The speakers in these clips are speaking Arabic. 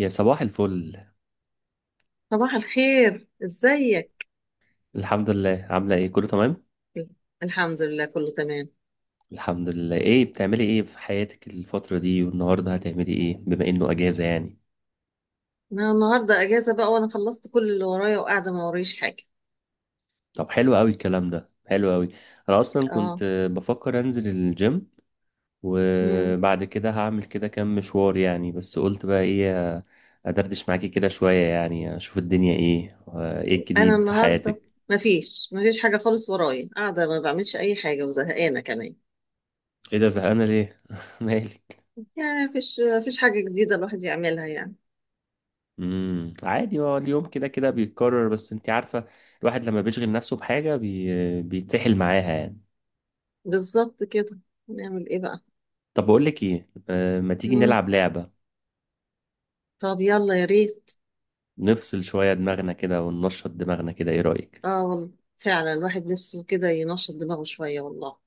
يا صباح الفل. صباح الخير، ازيك؟ الحمد لله، عاملة ايه؟ كله تمام. الحمد لله، كله تمام. الحمد لله. ايه بتعملي ايه في حياتك الفترة دي؟ والنهاردة هتعملي ايه بما انه اجازة يعني؟ انا النهارده اجازه بقى، وانا خلصت كل اللي ورايا وقاعده ما وريش حاجه. طب حلو قوي الكلام ده، حلو قوي. انا اصلا اه. كنت بفكر انزل الجيم، مم. وبعد كده هعمل كده كام مشوار يعني، بس قلت بقى ايه، ادردش معاكي كده شوية يعني، اشوف الدنيا ايه. ايه انا الجديد في النهارده حياتك؟ مفيش حاجه خالص ورايا، قاعده ما بعملش اي حاجه وزهقانه كمان. ايه ده، زهقانة ليه؟ مالك؟ يعني مفيش حاجه جديده الواحد يعملها يعني. عادي، هو اليوم كده كده بيتكرر، بس انت عارفة الواحد لما بيشغل نفسه بحاجة بيتسحل معاها يعني. بالظبط كده. نعمل ايه بقى؟ طب بقول لك ايه، ما تيجي مم. نلعب لعبة؟ طب يلا، يا ريت. نفصل شوية دماغنا كده وننشط دماغنا كده، ايه رأيك؟ اه والله، فعلا الواحد نفسه كده ينشط دماغه شويه والله.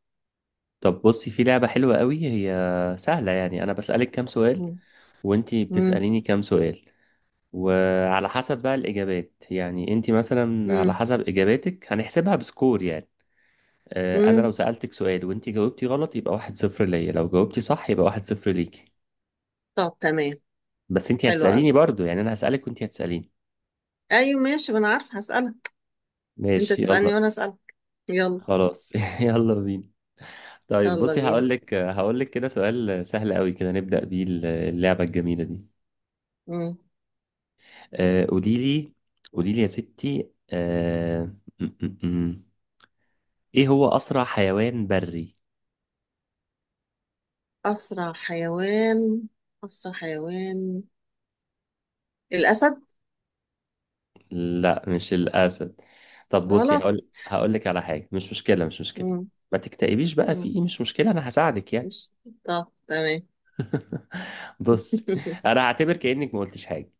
طب بصي، في لعبة حلوة قوي، هي سهلة يعني. انا بسألك كام سؤال مم. وانت مم. بتسأليني كام سؤال، وعلى حسب بقى الإجابات، يعني انت مثلا على مم. حسب إجاباتك هنحسبها بسكور يعني. انا لو مم. سألتك سؤال وانت جاوبتي غلط يبقى واحد صفر ليا، لو جاوبتي صح يبقى واحد صفر ليكي. طب تمام. بس انت حلو قوي. هتسأليني برضو يعني، انا هسألك وانت هتسأليني. ايوه ماشي، ما انا عارفه هسألك. انت ماشي يلا. تسألني وانا أسألك. يلا. خلاص يلا بينا. طيب يلا بصي، بينا. هقول لك كده سؤال سهل قوي كده نبدأ بيه اللعبة الجميلة دي. مم. آه، قولي لي قولي لي يا ستي، آه، م- م- م. ايه هو أسرع حيوان بري؟ اسرع حيوان اسرع حيوان الاسد. لا مش الأسد. طب بصي، غلط. هقول لك على حاجة، مش مشكلة. مم. ما تكتئبيش بقى، في مم. ايه، مش مشكلة، انا هساعدك يعني. مش. طب تمام. بص، انا هعتبر كأنك ما قلتش حاجة.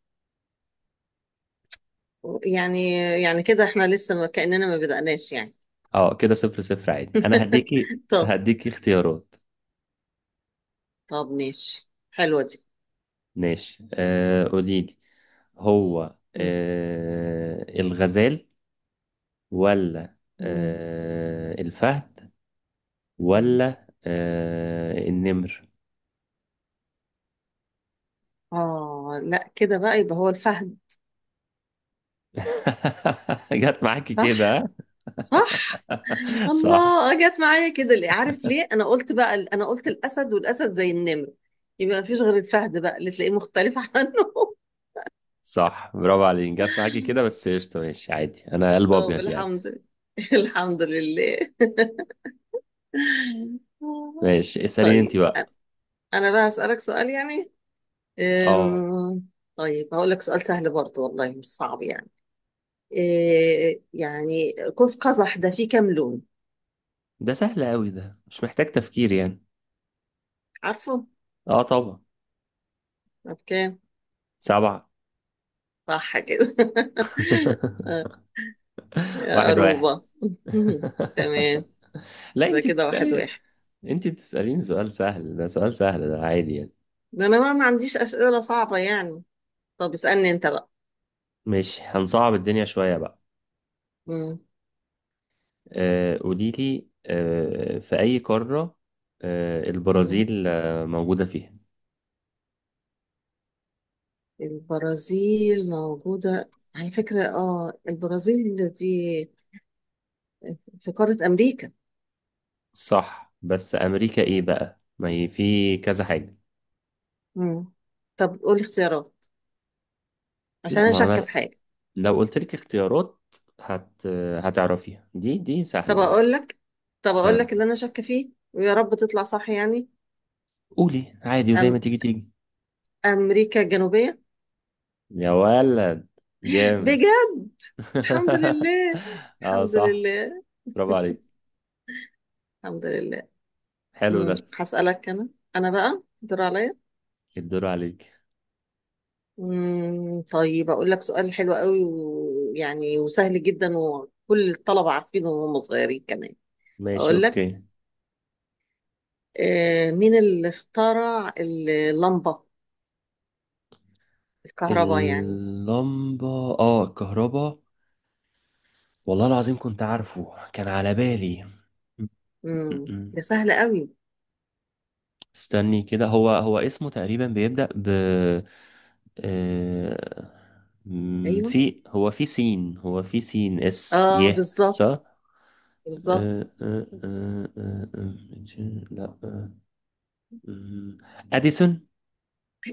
يعني يعني كده احنا لسه ما كأننا ما بدأناش يعني. اه كده صفر صفر عادي، انا هديكي طب. هديكي اختيارات. طب ماشي، حلوة دي. ماشي، قولي لي. هو مم. الغزال، ولا مم. الفهد، مم. ولا النمر؟ اه لا كده بقى، يبقى هو الفهد. جت معاكي كده صح. ها؟ صح. صح، الله، جت معايا كده ليه؟ عارف ليه؟ انا قلت الاسد والاسد زي النمر. يبقى ما فيش غير الفهد بقى اللي تلاقيه مختلف عنه. صح، برافو عليك، جت معاكي كده، بس قشطة، ماشي عادي، انا قلب طب ابيض يعني. الحمد لله. الحمد لله. ماشي اسأليني انت طيب. بقى. انا بقى هسألك سؤال يعني. اه أم، طيب هقول لك سؤال سهل برضه والله، مش صعب يعني. إيه يعني، قوس قزح ده فيه كام لون؟ ده سهل قوي، ده مش محتاج تفكير يعني. عارفه؟ اه طبعا. اوكي. سبعة. صح كده. يا واحد واحد. روبا. تمام. لا يبقى انت كده واحد بتسألي، واحد. انت بتسأليني سؤال سهل، ده سؤال سهل، ده عادي يعني. ده انا بقى ما عنديش اسئله صعبه يعني. طب اسالني انت بقى. ماشي، هنصعب الدنيا شوية بقى. مم. قولي لي، في أي قارة مم. البرازيل موجودة فيها؟ البرازيل موجوده على فكره، اه البرازيل دي في قاره امريكا. صح، بس أمريكا إيه بقى، ما هي في كذا حاجة. مم. طب قولي اختيارات، عشان لا انا ما هو شاكه في أنا حاجه. لو قلت لك اختيارات هت هتعرفيها، دي طب سهلة دي. اقول لك طب اقول آه. لك اللي انا شاكه فيه، ويا رب تطلع صح يعني. قولي عادي وزي ما أم... تيجي تيجي. امريكا الجنوبيه. يا ولد، جامد. بجد؟ الحمد لله. اه الحمد صح، لله. برافو عليك، الحمد لله. حلو مم. ده. هسالك انا. انا بقى دور عليا. الدور عليك. مم، طيب أقول لك سؤال حلو قوي ويعني وسهل جدا، وكل الطلبة عارفينه وهم صغيرين كمان. ماشي أقول لك. اوكي. مين اللي اخترع اللمبة؟ الكهرباء يعني. اللمبة، اه الكهرباء، والله العظيم كنت عارفه، كان على بالي. م- مم، م- م. ده سهل قوي. استني كده، هو اسمه تقريبا بيبدأ ب آه، أيوه. في، هو في سين، هو في سين اس اه يه بالظبط. صح. بالظبط. آه، آه، آه، آه، آه، لا آه، آه، اديسون.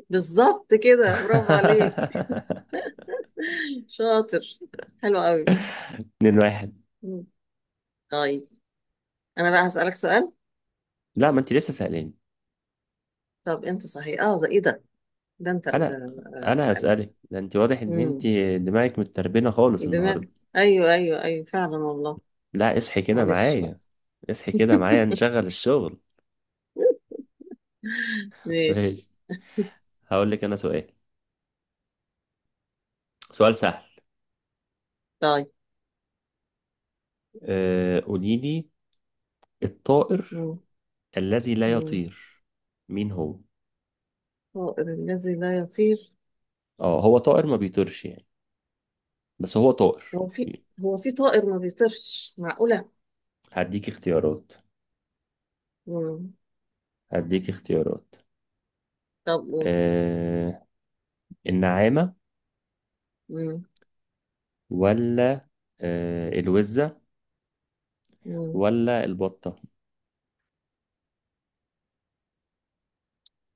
بالظبط كده، برافو عليك. شاطر. حلو قوي. اتنين واحد. مم. طيب. أنا بقى هسألك سؤال. لا ما انت لسه سألاني. طب أنت صحيح؟ اه ده إيه ده؟ ده أنت انا اللي انا هتسألني. هسألك، ده انت واضح ان مم، انت دماغك متربينة خالص دماغ. النهاردة. أيوه أيوه أيوه، فعلا والله. لا اصحي كده معلش بقى. معايا، اصحي كده معايا، نشغل الشغل. ماشي. ماشي. هقول لك انا سؤال، سؤال سهل. طيب. أه قولي لي، الطائر مم. الذي لا مم. يطير مين هو؟ طائر الذي لا يطير؟ اه هو طائر ما بيطيرش يعني، بس هو طائر. هو في هو في طائر ما بيطيرش؟ معقولة؟ هديك اختيارات مم. هديك اختيارات طب قول. أه النعامة، مم. ولا أه الوزة، مم. ولا البطة؟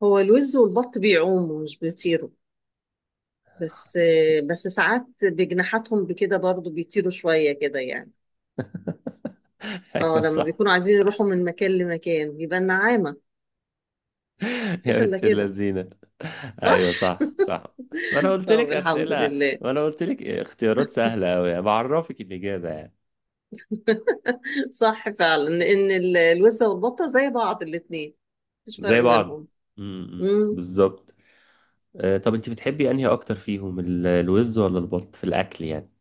هو الوز والبط بيعوموا مش بيطيروا. بس بس ساعات بجناحاتهم بكده برضو بيطيروا شوية كده يعني. اه ايوه لما صح. بيكونوا عايزين يروحوا من مكان لمكان، بيبقى النعامة. يا مفيش إلا بنت كده. اللذينة، صح؟ ايوه صح صح. ما انا قلت طب لك الحمد اسئلة، لله. ما انا قلت لك اختيارات سهلة قوي يعني، بعرفك الاجابة يعني. صح فعلا ان الوزة والبطة زي بعض الاتنين. مفيش فرق زي بعض، بينهم. امم. بالظبط. طب انت بتحبي انهي اكتر فيهم، الوز ولا البط في الاكل يعني؟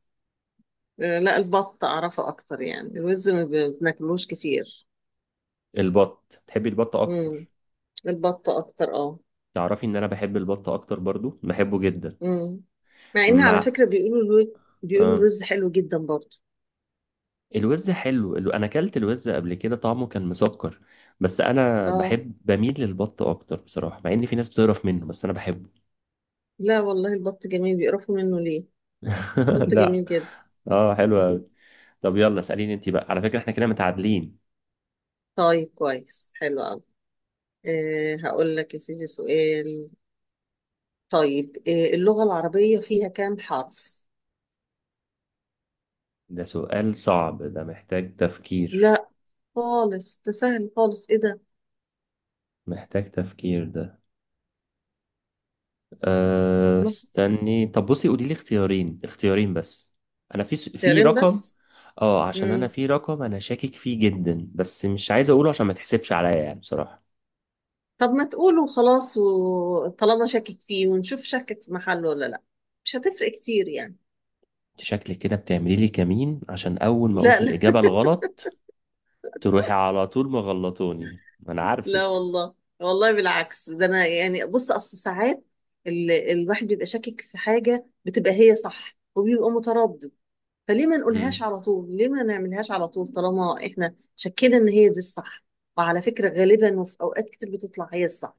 لا البط اعرفه اكتر يعني، الوز ما ب- بناكلوش كتير. البط، بتحبي البط امم. اكتر. البط اكتر، اه. تعرفي ان انا بحب البط اكتر برضو، بحبه جدا. امم. مع ان على مع فكرة بيقولوا الوز بيقولوا اه الوز حلو جدا برضه. الوز حلو، انا اكلت الوز قبل كده طعمه كان مسكر، بس انا اه. بحب، بميل للبط اكتر بصراحه، مع ان في ناس بتقرف منه بس انا بحبه. لا والله، البط جميل، بيقرفوا منه ليه؟ البط لا جميل جدا. اه حلو قوي. طب يلا اساليني انت بقى، على فكره احنا كده متعادلين. طيب كويس، حلو قوي. هقول لك يا سيدي سؤال. طيب، اللغة العربية فيها كام حرف؟ ده سؤال صعب، ده محتاج تفكير، لا خالص، ده سهل خالص، ايه ده. محتاج تفكير ده. أه نقط. استني، طب بصي قولي لي اختيارين، اختيارين بس. انا في تيارين رقم، بس. اه عشان انا مم. في رقم انا شاكك فيه جدا بس مش عايز اقوله عشان ما تحسبش عليا يعني بصراحه. طب ما تقولوا خلاص، وطالما شاكك فيه ونشوف شاكك في محله ولا لا. مش هتفرق كتير يعني. شكلك كده بتعملي لي كمين، عشان اول ما اقول لا لا. الاجابه الغلط تروحي على طول مغلطوني، ما انا لا عارفك. والله. والله بالعكس، ده انا يعني بص اصل ساعات الواحد بيبقى شاكك في حاجة بتبقى هي صح وبيبقى متردد. فليه ما نقولهاش مم. على طول، ليه ما نعملهاش على طول طالما احنا شكينا ان هي دي الصح. وعلى فكرة غالبا وفي اوقات كتير بتطلع هي الصح.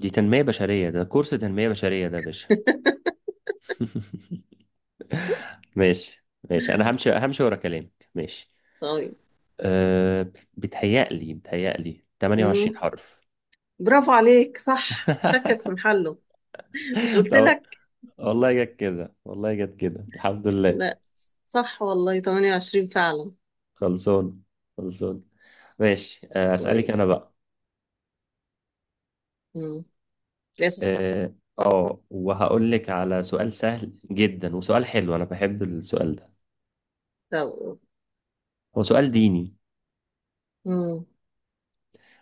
دي تنميه بشريه، ده كورس تنميه بشريه ده يا باشا. ماشي ماشي، انا همشي، همشي ورا كلامك، ماشي. طيب. أه بتهيألي 28 مم. حرف. برافو عليك، صح، شكك في محله. مش قلت طب، لك؟ والله جت كده، والله جت كده، الحمد لله. لا. صح والله، 28 فعلا. خلصان، خلصان. ماشي، اسالك طيب. انا بقى. مم. لسه. اه، وهقول لك على سؤال سهل جدا، وسؤال حلو، انا بحب السؤال ده، طب. هو سؤال ديني. مم.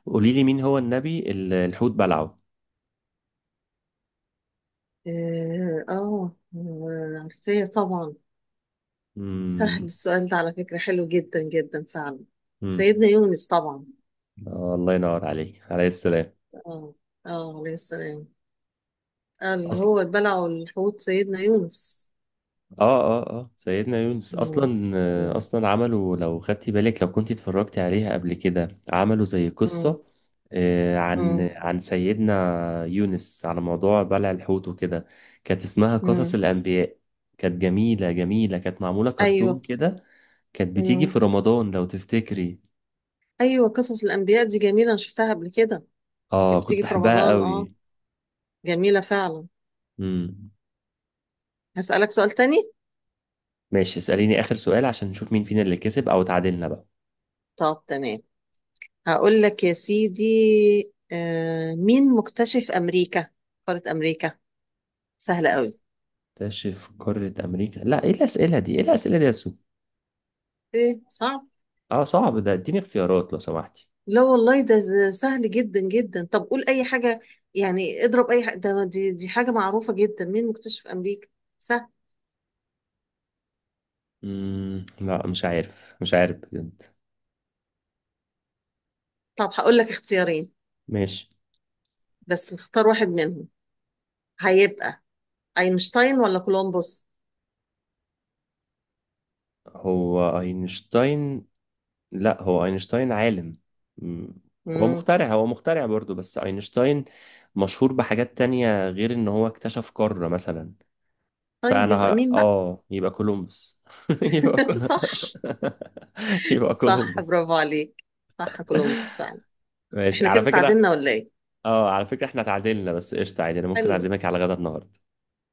قولي لي مين هو النبي اللي الحوت بلعه؟ اه، عارفاه طبعا. سهل امم السؤال ده، على فكرة حلو جدا جدا فعلا. امم سيدنا يونس طبعا. الله ينور عليك، عليه السلام. اه اه، عليه السلام. اللي اصل هو البلع والحوت سيدنا يونس. اه اه اه سيدنا يونس مم. اصلا، مم. اصلا عملوا، لو خدتي بالك لو كنت اتفرجتي عليها قبل كده، عملوا زي مم. قصة عن مم. عن سيدنا يونس على موضوع بلع الحوت وكده. كانت اسمها قصص مم. الانبياء، كانت جميلة جميلة، كانت معمولة كرتون ايوه. كده، كانت بتيجي مم. في رمضان لو تفتكري. ايوه، قصص الانبياء دي جميله، انا شفتها قبل كده. يمكن اه كنت بتيجي في بحبها رمضان، اه. قوي. جميله فعلا. امم هسالك سؤال تاني. ماشي اسأليني اخر سؤال عشان نشوف مين فينا اللي كسب او تعادلنا بقى. طب تمام. هقول لك يا سيدي. مين مكتشف امريكا؟ قاره امريكا. سهله قوي. تشرف قارة امريكا، لا ايه الاسئلة دي، ايه الاسئلة دي يا سو؟ ايه صعب؟ اه صعب ده، اديني اختيارات لو سمحتي. لا والله ده سهل جدا جدا، طب قول اي حاجه. يعني اضرب اي حاجه، ده دي حاجه معروفه جدا، مين مكتشف امريكا؟ سهل. لا مش عارف، مش عارف بجد. طب هقول لك اختيارين، ماشي. بس اختار واحد منهم. هيبقى اينشتاين ولا كولومبوس؟ هو اينشتاين، لا هو اينشتاين عالم. مم. هو امم. مخترع هو مخترع برضو، بس اينشتاين مشهور بحاجات تانية غير ان هو اكتشف قارة مثلا. طيب فانا يبقى مين بقى؟ اه يبقى كولومبوس. يبقى كول صح. يبقى صح كولومبوس. برافو عليك. صح، كولومبوس فعلا. ماشي، احنا على كده فكرة، اتعادلنا ولا ايه؟ اه على فكرة احنا اتعادلنا، بس قشطة عادي انا ممكن حلو. اعزمك على غدا النهاردة.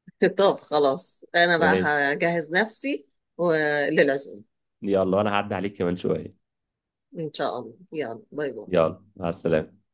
طب خلاص، انا بقى ماشي هجهز نفسي و- للعزومة. يلا، وانا هعدي عليك كمان شوية. ان شاء الله، يلا باي باي. يلا مع السلامة.